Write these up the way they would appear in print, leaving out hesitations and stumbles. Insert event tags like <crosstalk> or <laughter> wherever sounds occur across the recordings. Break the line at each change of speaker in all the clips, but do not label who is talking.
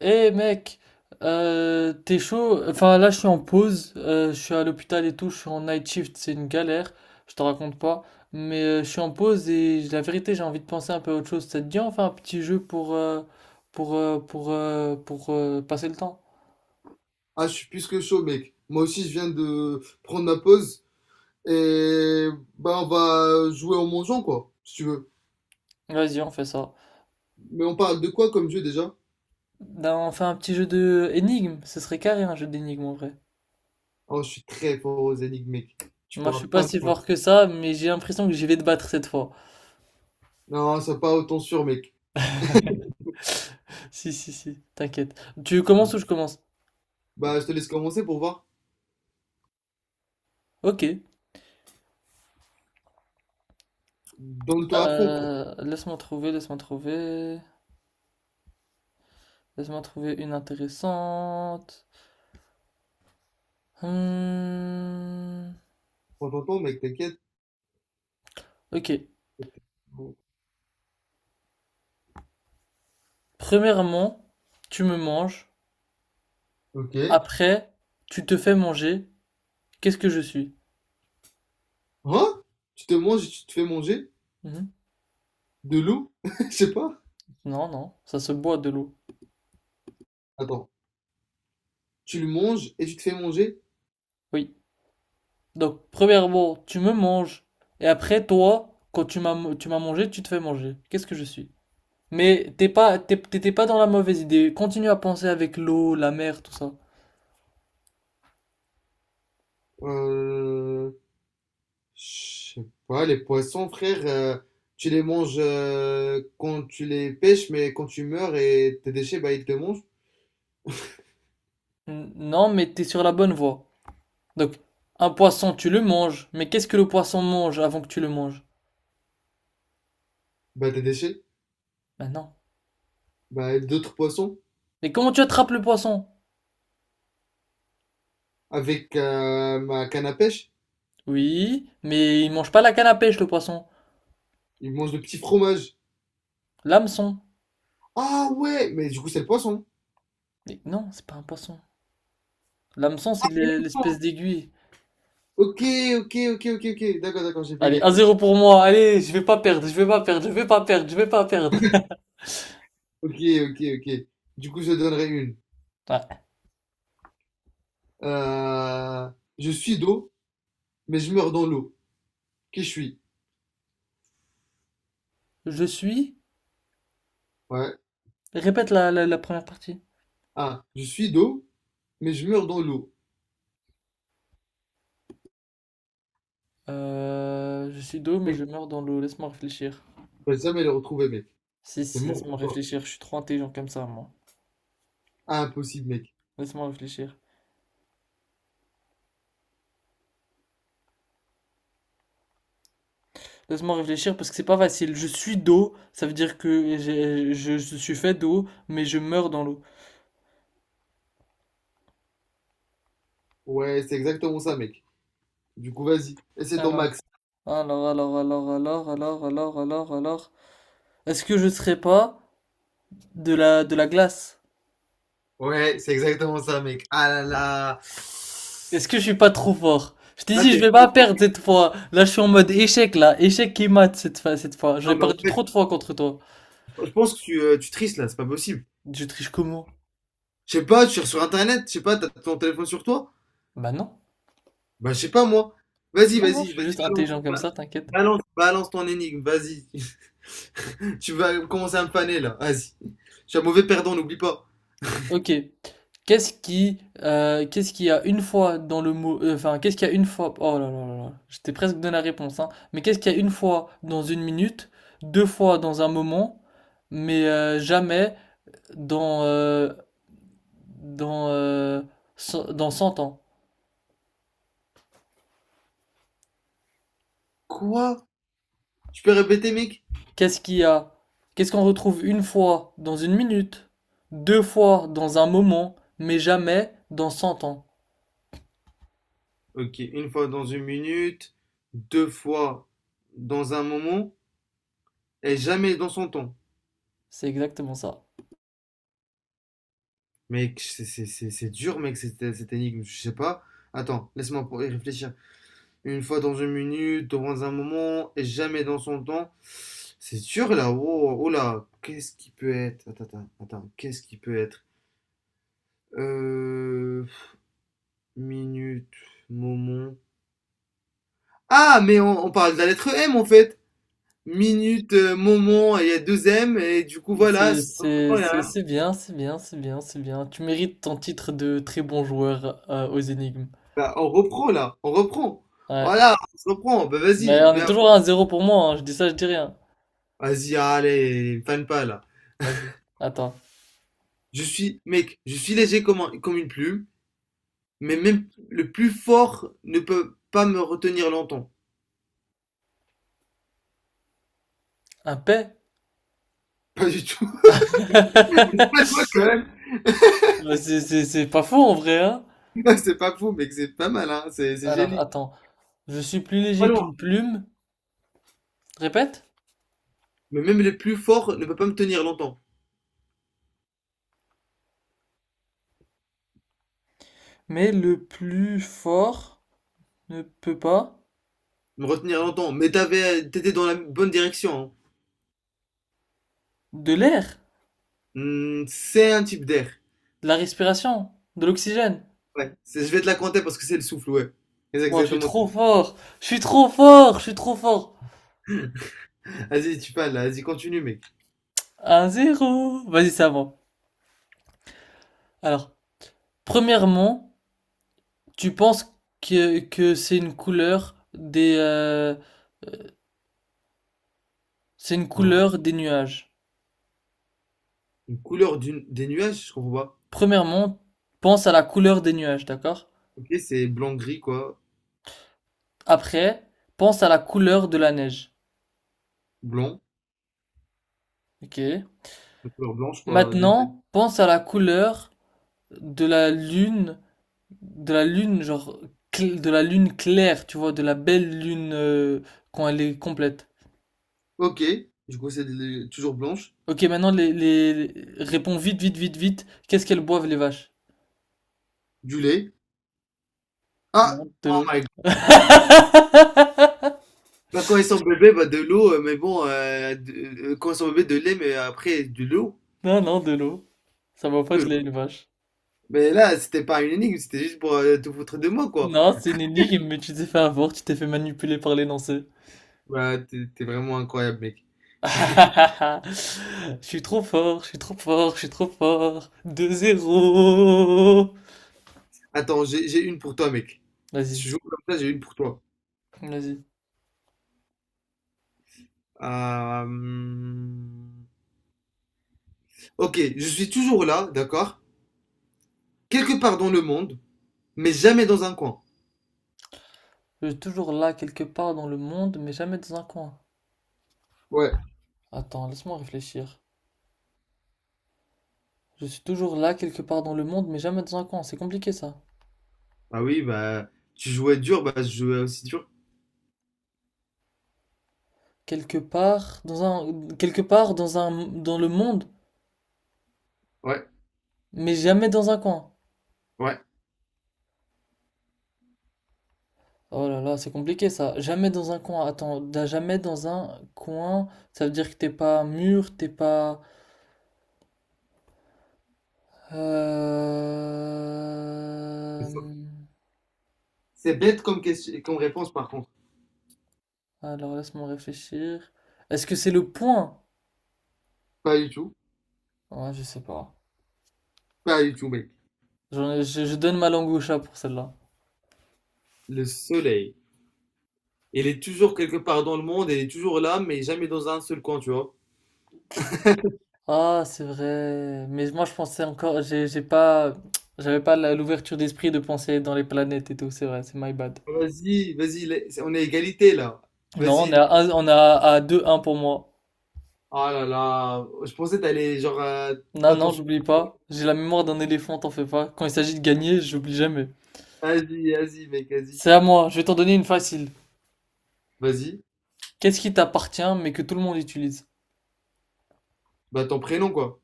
Eh mec, t'es chaud? Enfin là je suis en pause, je suis à l'hôpital et tout, je suis en night shift, c'est une galère, je te raconte pas. Mais je suis en pause et la vérité j'ai envie de penser un peu à autre chose. Ça te dit on fait un petit jeu pour passer le temps?
Ah, je suis plus que chaud, mec. Moi aussi, je viens de prendre ma pause. Et bah, on va jouer en mangeant, quoi, si tu veux.
Vas-y on fait ça.
Mais on parle de quoi comme jeu déjà?
Ben, on fait un petit jeu de énigme, ce serait carré un jeu d'énigme en vrai.
Oh, je suis très fort aux énigmes, mec. Tu
Moi je
pourras
suis pas
pas
si
me battre.
fort que ça, mais j'ai l'impression que j'y vais te battre cette fois.
Non, ça pas autant sûr, mec.
<laughs> Si, t'inquiète. Tu commences ou je commence?
Bah, je te laisse commencer pour voir.
Ok.
Donne-toi à fond, quoi.
Laisse-moi trouver. Laisse-moi trouver une intéressante. Hmm.
Prends ton temps, mec, t'inquiète.
Ok. Premièrement, tu me manges.
Ok.
Après, tu te fais manger. Qu'est-ce que je suis?
Hein? Tu te manges et tu te fais manger?
Mhm.
De loup? <laughs> Je sais pas.
Non, non, ça se boit de l'eau.
Attends. Tu le manges et tu te fais manger?
Oui. Donc, premièrement, tu me manges. Et après, toi, quand tu m'as mangé, tu te fais manger. Qu'est-ce que je suis? Mais t'es pas, t'étais pas dans la mauvaise idée. Continue à penser avec l'eau, la mer, tout ça.
Euh... Je sais pas, les poissons, frère, tu les manges quand tu les pêches, mais quand tu meurs et tes déchets, bah, ils te mangent.
Non, mais t'es sur la bonne voie. Donc, un poisson, tu le manges. Mais qu'est-ce que le poisson mange avant que tu le manges?
Bah, tes déchets.
Maintenant.
Bah, d'autres poissons.
Et comment tu attrapes le poisson?
Avec ma canne à pêche,
Oui, mais il mange pas la canne à pêche, le poisson.
ils mangent le petit fromage.
L'hameçon.
Ah ouais, mais du coup, c'est le poisson.
Mais non, c'est pas un poisson. L'hameçon, c'est l'espèce d'aiguille.
Ok, ok, ok, ok, ok. D'accord, d'accord, j'ai
Allez, 1
bugué.
zéro pour moi. Allez, je vais pas perdre, je vais pas perdre, je vais pas perdre, je vais pas perdre. <laughs>
Ok, ok, ok. Du coup, je donnerai une.
Ouais.
Euh, je suis d'eau, mais je meurs dans l'eau. Qui je suis?
Je suis.
Ouais.
Répète la première partie.
Ah, je suis d'eau, mais je meurs dans l'eau.
Je suis d'eau, mais
Ok,
je meurs dans l'eau. Laisse-moi réfléchir.
je ne vais jamais le retrouver, mec.
Si,
C'est
si,
mort
laisse-moi
pour toi.
réfléchir. Je suis trop intelligent comme ça, moi.
Impossible, mec.
Laisse-moi réfléchir. Laisse-moi réfléchir parce que c'est pas facile. Je suis d'eau, ça veut dire que je suis fait d'eau, mais je meurs dans l'eau.
Ouais, c'est exactement ça, mec. Du coup, vas-y. Et c'est ton
Alors,
max.
alors, alors. Est-ce que je serais pas de la glace?
Ouais, c'est exactement ça, mec. Ah là là.
Est-ce que je suis pas trop fort? Je t'ai
Là,
dit, je
t'es
vais pas
pas.
perdre cette fois. Là, je suis en mode échec, là. Échec qui mate cette fois, cette fois.
Non,
J'ai
mais en
perdu
fait,
trop de fois contre toi.
je pense que tu tristes là, c'est pas possible.
Je triche comment?
Je sais pas, tu cherches sur Internet. Je sais pas, t'as ton téléphone sur toi?
Bah non.
Bah, je sais pas, moi. Vas-y,
Non, non, je
vas-y,
suis
vas-y,
juste
balance.
intelligent comme
ba-
ça, t'inquiète.
Balance, balance ton énigme, vas-y. <laughs> Tu vas commencer à me faner, là. Vas-y. Je suis un mauvais perdant, n'oublie pas.
Ok. Qu'est-ce qui, qu'est-ce qu'il y a une fois dans le mot, enfin, qu'est-ce qu'il y a une fois, oh là là là là, j'étais presque donné la réponse, hein, mais qu'est-ce qu'il y a une fois dans une minute, deux fois dans un moment, mais jamais dans, euh, dans, euh, dans cent ans?
Quoi? Tu peux répéter, mec?
Qu'est-ce qu'il y a, qu'est-ce qu'on retrouve une fois dans une minute, deux fois dans un moment, mais jamais dans 100 ans?
Ok, une fois dans une minute, deux fois dans un moment, et jamais dans son temps.
C'est exactement ça.
Mec, c'est dur, mec, cette énigme, je sais pas. Attends, laisse-moi y réfléchir. Une fois dans une minute, dans un moment, et jamais dans son temps. C'est dur là, oh, oh là, qu'est-ce qui peut être? Attends, attends, attends, qu'est-ce qui peut être? Euh, minute, moment. Ah, mais on parle de la lettre M en fait. Minute, moment, et il y a deux M, et du coup, voilà.
C'est bien, c'est bien. Tu mérites ton titre de très bon joueur aux énigmes.
Bah, on reprend là, on reprend.
Ouais.
Voilà, on se reprend. Bah,
Mais
vas-y,
on est
viens.
toujours à 1-0 pour moi, hein. Je dis ça, je dis rien.
Vas-y, allez, fan pas là.
Vas-y, attends.
Je suis, mec, je suis léger comme une plume, mais même le plus fort ne peut pas me retenir longtemps.
Un P?
<laughs> Pas du tout. <laughs>
<laughs>
Moi, quand même.
C'est pas faux en vrai, hein?
<laughs> C'est pas fou, mec, c'est pas mal, hein. C'est
Alors,
génie.
attends. Je suis plus
Pas
léger
loin.
qu'une plume. Répète.
Mais même le plus fort ne peut pas me tenir longtemps.
Mais le plus fort ne peut pas.
Me retenir longtemps, mais t'étais dans la bonne direction, hein.
De l'air,
Hmm, c'est un type d'air.
de la respiration, de l'oxygène.
Je vais te la compter parce que c'est le souffle, ouais. C'est
Bon, je suis
exactement ça.
trop fort. Je suis trop fort. Je suis trop fort.
Vas-y, tu parles, là. Vas-y, continue, mec.
1 zéro Vas-y, ça va. Alors, premièrement, tu penses que c'est une couleur c'est une
Alors,
couleur des nuages.
une couleur des nuages, je comprends pas.
Premièrement, pense à la couleur des nuages, d'accord?
Ok, c'est blanc-gris, quoi.
Après, pense à la couleur de la neige.
Blanc.
Ok.
Une couleur blanche, quoi.
Maintenant, pense à la couleur de la lune, de la lune, genre, de la lune claire, tu vois, de la belle lune, quand elle est complète.
Ok, du coup, c'est toujours blanche.
Ok, maintenant, réponds vite. Qu'est-ce qu'elles boivent, les vaches?
Du lait. Ah!
Non, de
Oh
l'eau.
my god.
<laughs>
Bah, quand ils sont bébés, bah, de l'eau, mais bon, quand ils sont bébés, de lait, mais après, de l'eau.
Non, non, de l'eau. Ça va
De
pas de lait,
l'eau.
une vache.
Mais là, c'était pas une énigme, c'était juste pour te foutre de moi, quoi.
Non, c'est une énigme, mais tu t'es fait avoir, tu t'es fait manipuler par l'énoncé.
Bah, t'es vraiment incroyable, mec.
<laughs> Je suis trop fort. 2 zéro.
Attends, j'ai une pour toi, mec. Si
Vas-y,
tu joues comme ça, j'ai une pour toi.
vas-y.
Euh, hum, Ok, je suis toujours là, d'accord? Quelque part dans le monde, mais jamais dans un coin.
Je suis toujours là quelque part dans le monde, mais jamais dans un coin.
Ouais.
Attends, laisse-moi réfléchir. Je suis toujours là quelque part dans le monde, mais jamais dans un coin. C'est compliqué ça.
Ah oui, bah, tu jouais dur, bah, je jouais aussi dur.
Quelque part dans un, dans le monde,
Ouais,
mais jamais dans un coin.
ouais.
Oh là là, c'est compliqué ça. Jamais dans un coin. Attends, jamais dans un coin, ça veut dire que t'es pas mûr, t'es pas.
C'est
Euh...
ça. C'est bête comme question, comme réponse, par contre.
Alors laisse-moi réfléchir. Est-ce que c'est le point?
Pas du tout.
Ouais, je sais pas.
Pas du tout, mec.
Je donne ma langue au chat pour celle-là.
Le soleil. Il est toujours quelque part dans le monde, il est toujours là, mais jamais dans un seul coin, tu vois.
Ah, c'est vrai. Mais moi, je pensais encore. J'ai pas. J'avais pas l'ouverture d'esprit de penser dans les planètes et tout. C'est vrai, c'est my bad.
Vas-y, vas-y, on est à égalité, là.
Non, on est
Vas-y,
à, à 2-1 pour moi.
oh là là, je pensais que t'allais genre
Non,
pas ton
non,
sou-
j'oublie pas. J'ai la mémoire d'un éléphant, t'en fais pas. Quand il s'agit de gagner, j'oublie jamais.
Asie, Asie, mec, y
C'est à moi, je vais t'en donner une facile.
Vas-y,
Qu'est-ce qui t'appartient mais que tout le monde utilise?
bah ton prénom quoi.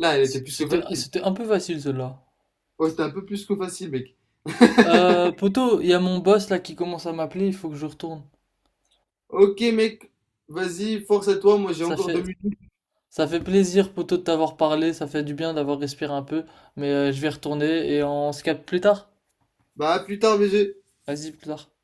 Là, elle était plus que facile.
C'était un peu facile celle-là.
Oh, c'était un peu plus que facile, mec.
Poto, il y a mon boss là qui commence à m'appeler, il faut que je retourne.
Ok, mec, vas-y, force à toi, moi j'ai
Ça
encore deux
fait,
minutes.
ça fait plaisir, poto, de t'avoir parlé, ça fait du bien d'avoir respiré un peu, mais je vais retourner et on se capte plus tard.
Bah à plus tard, BG.
Vas-y, plus tard.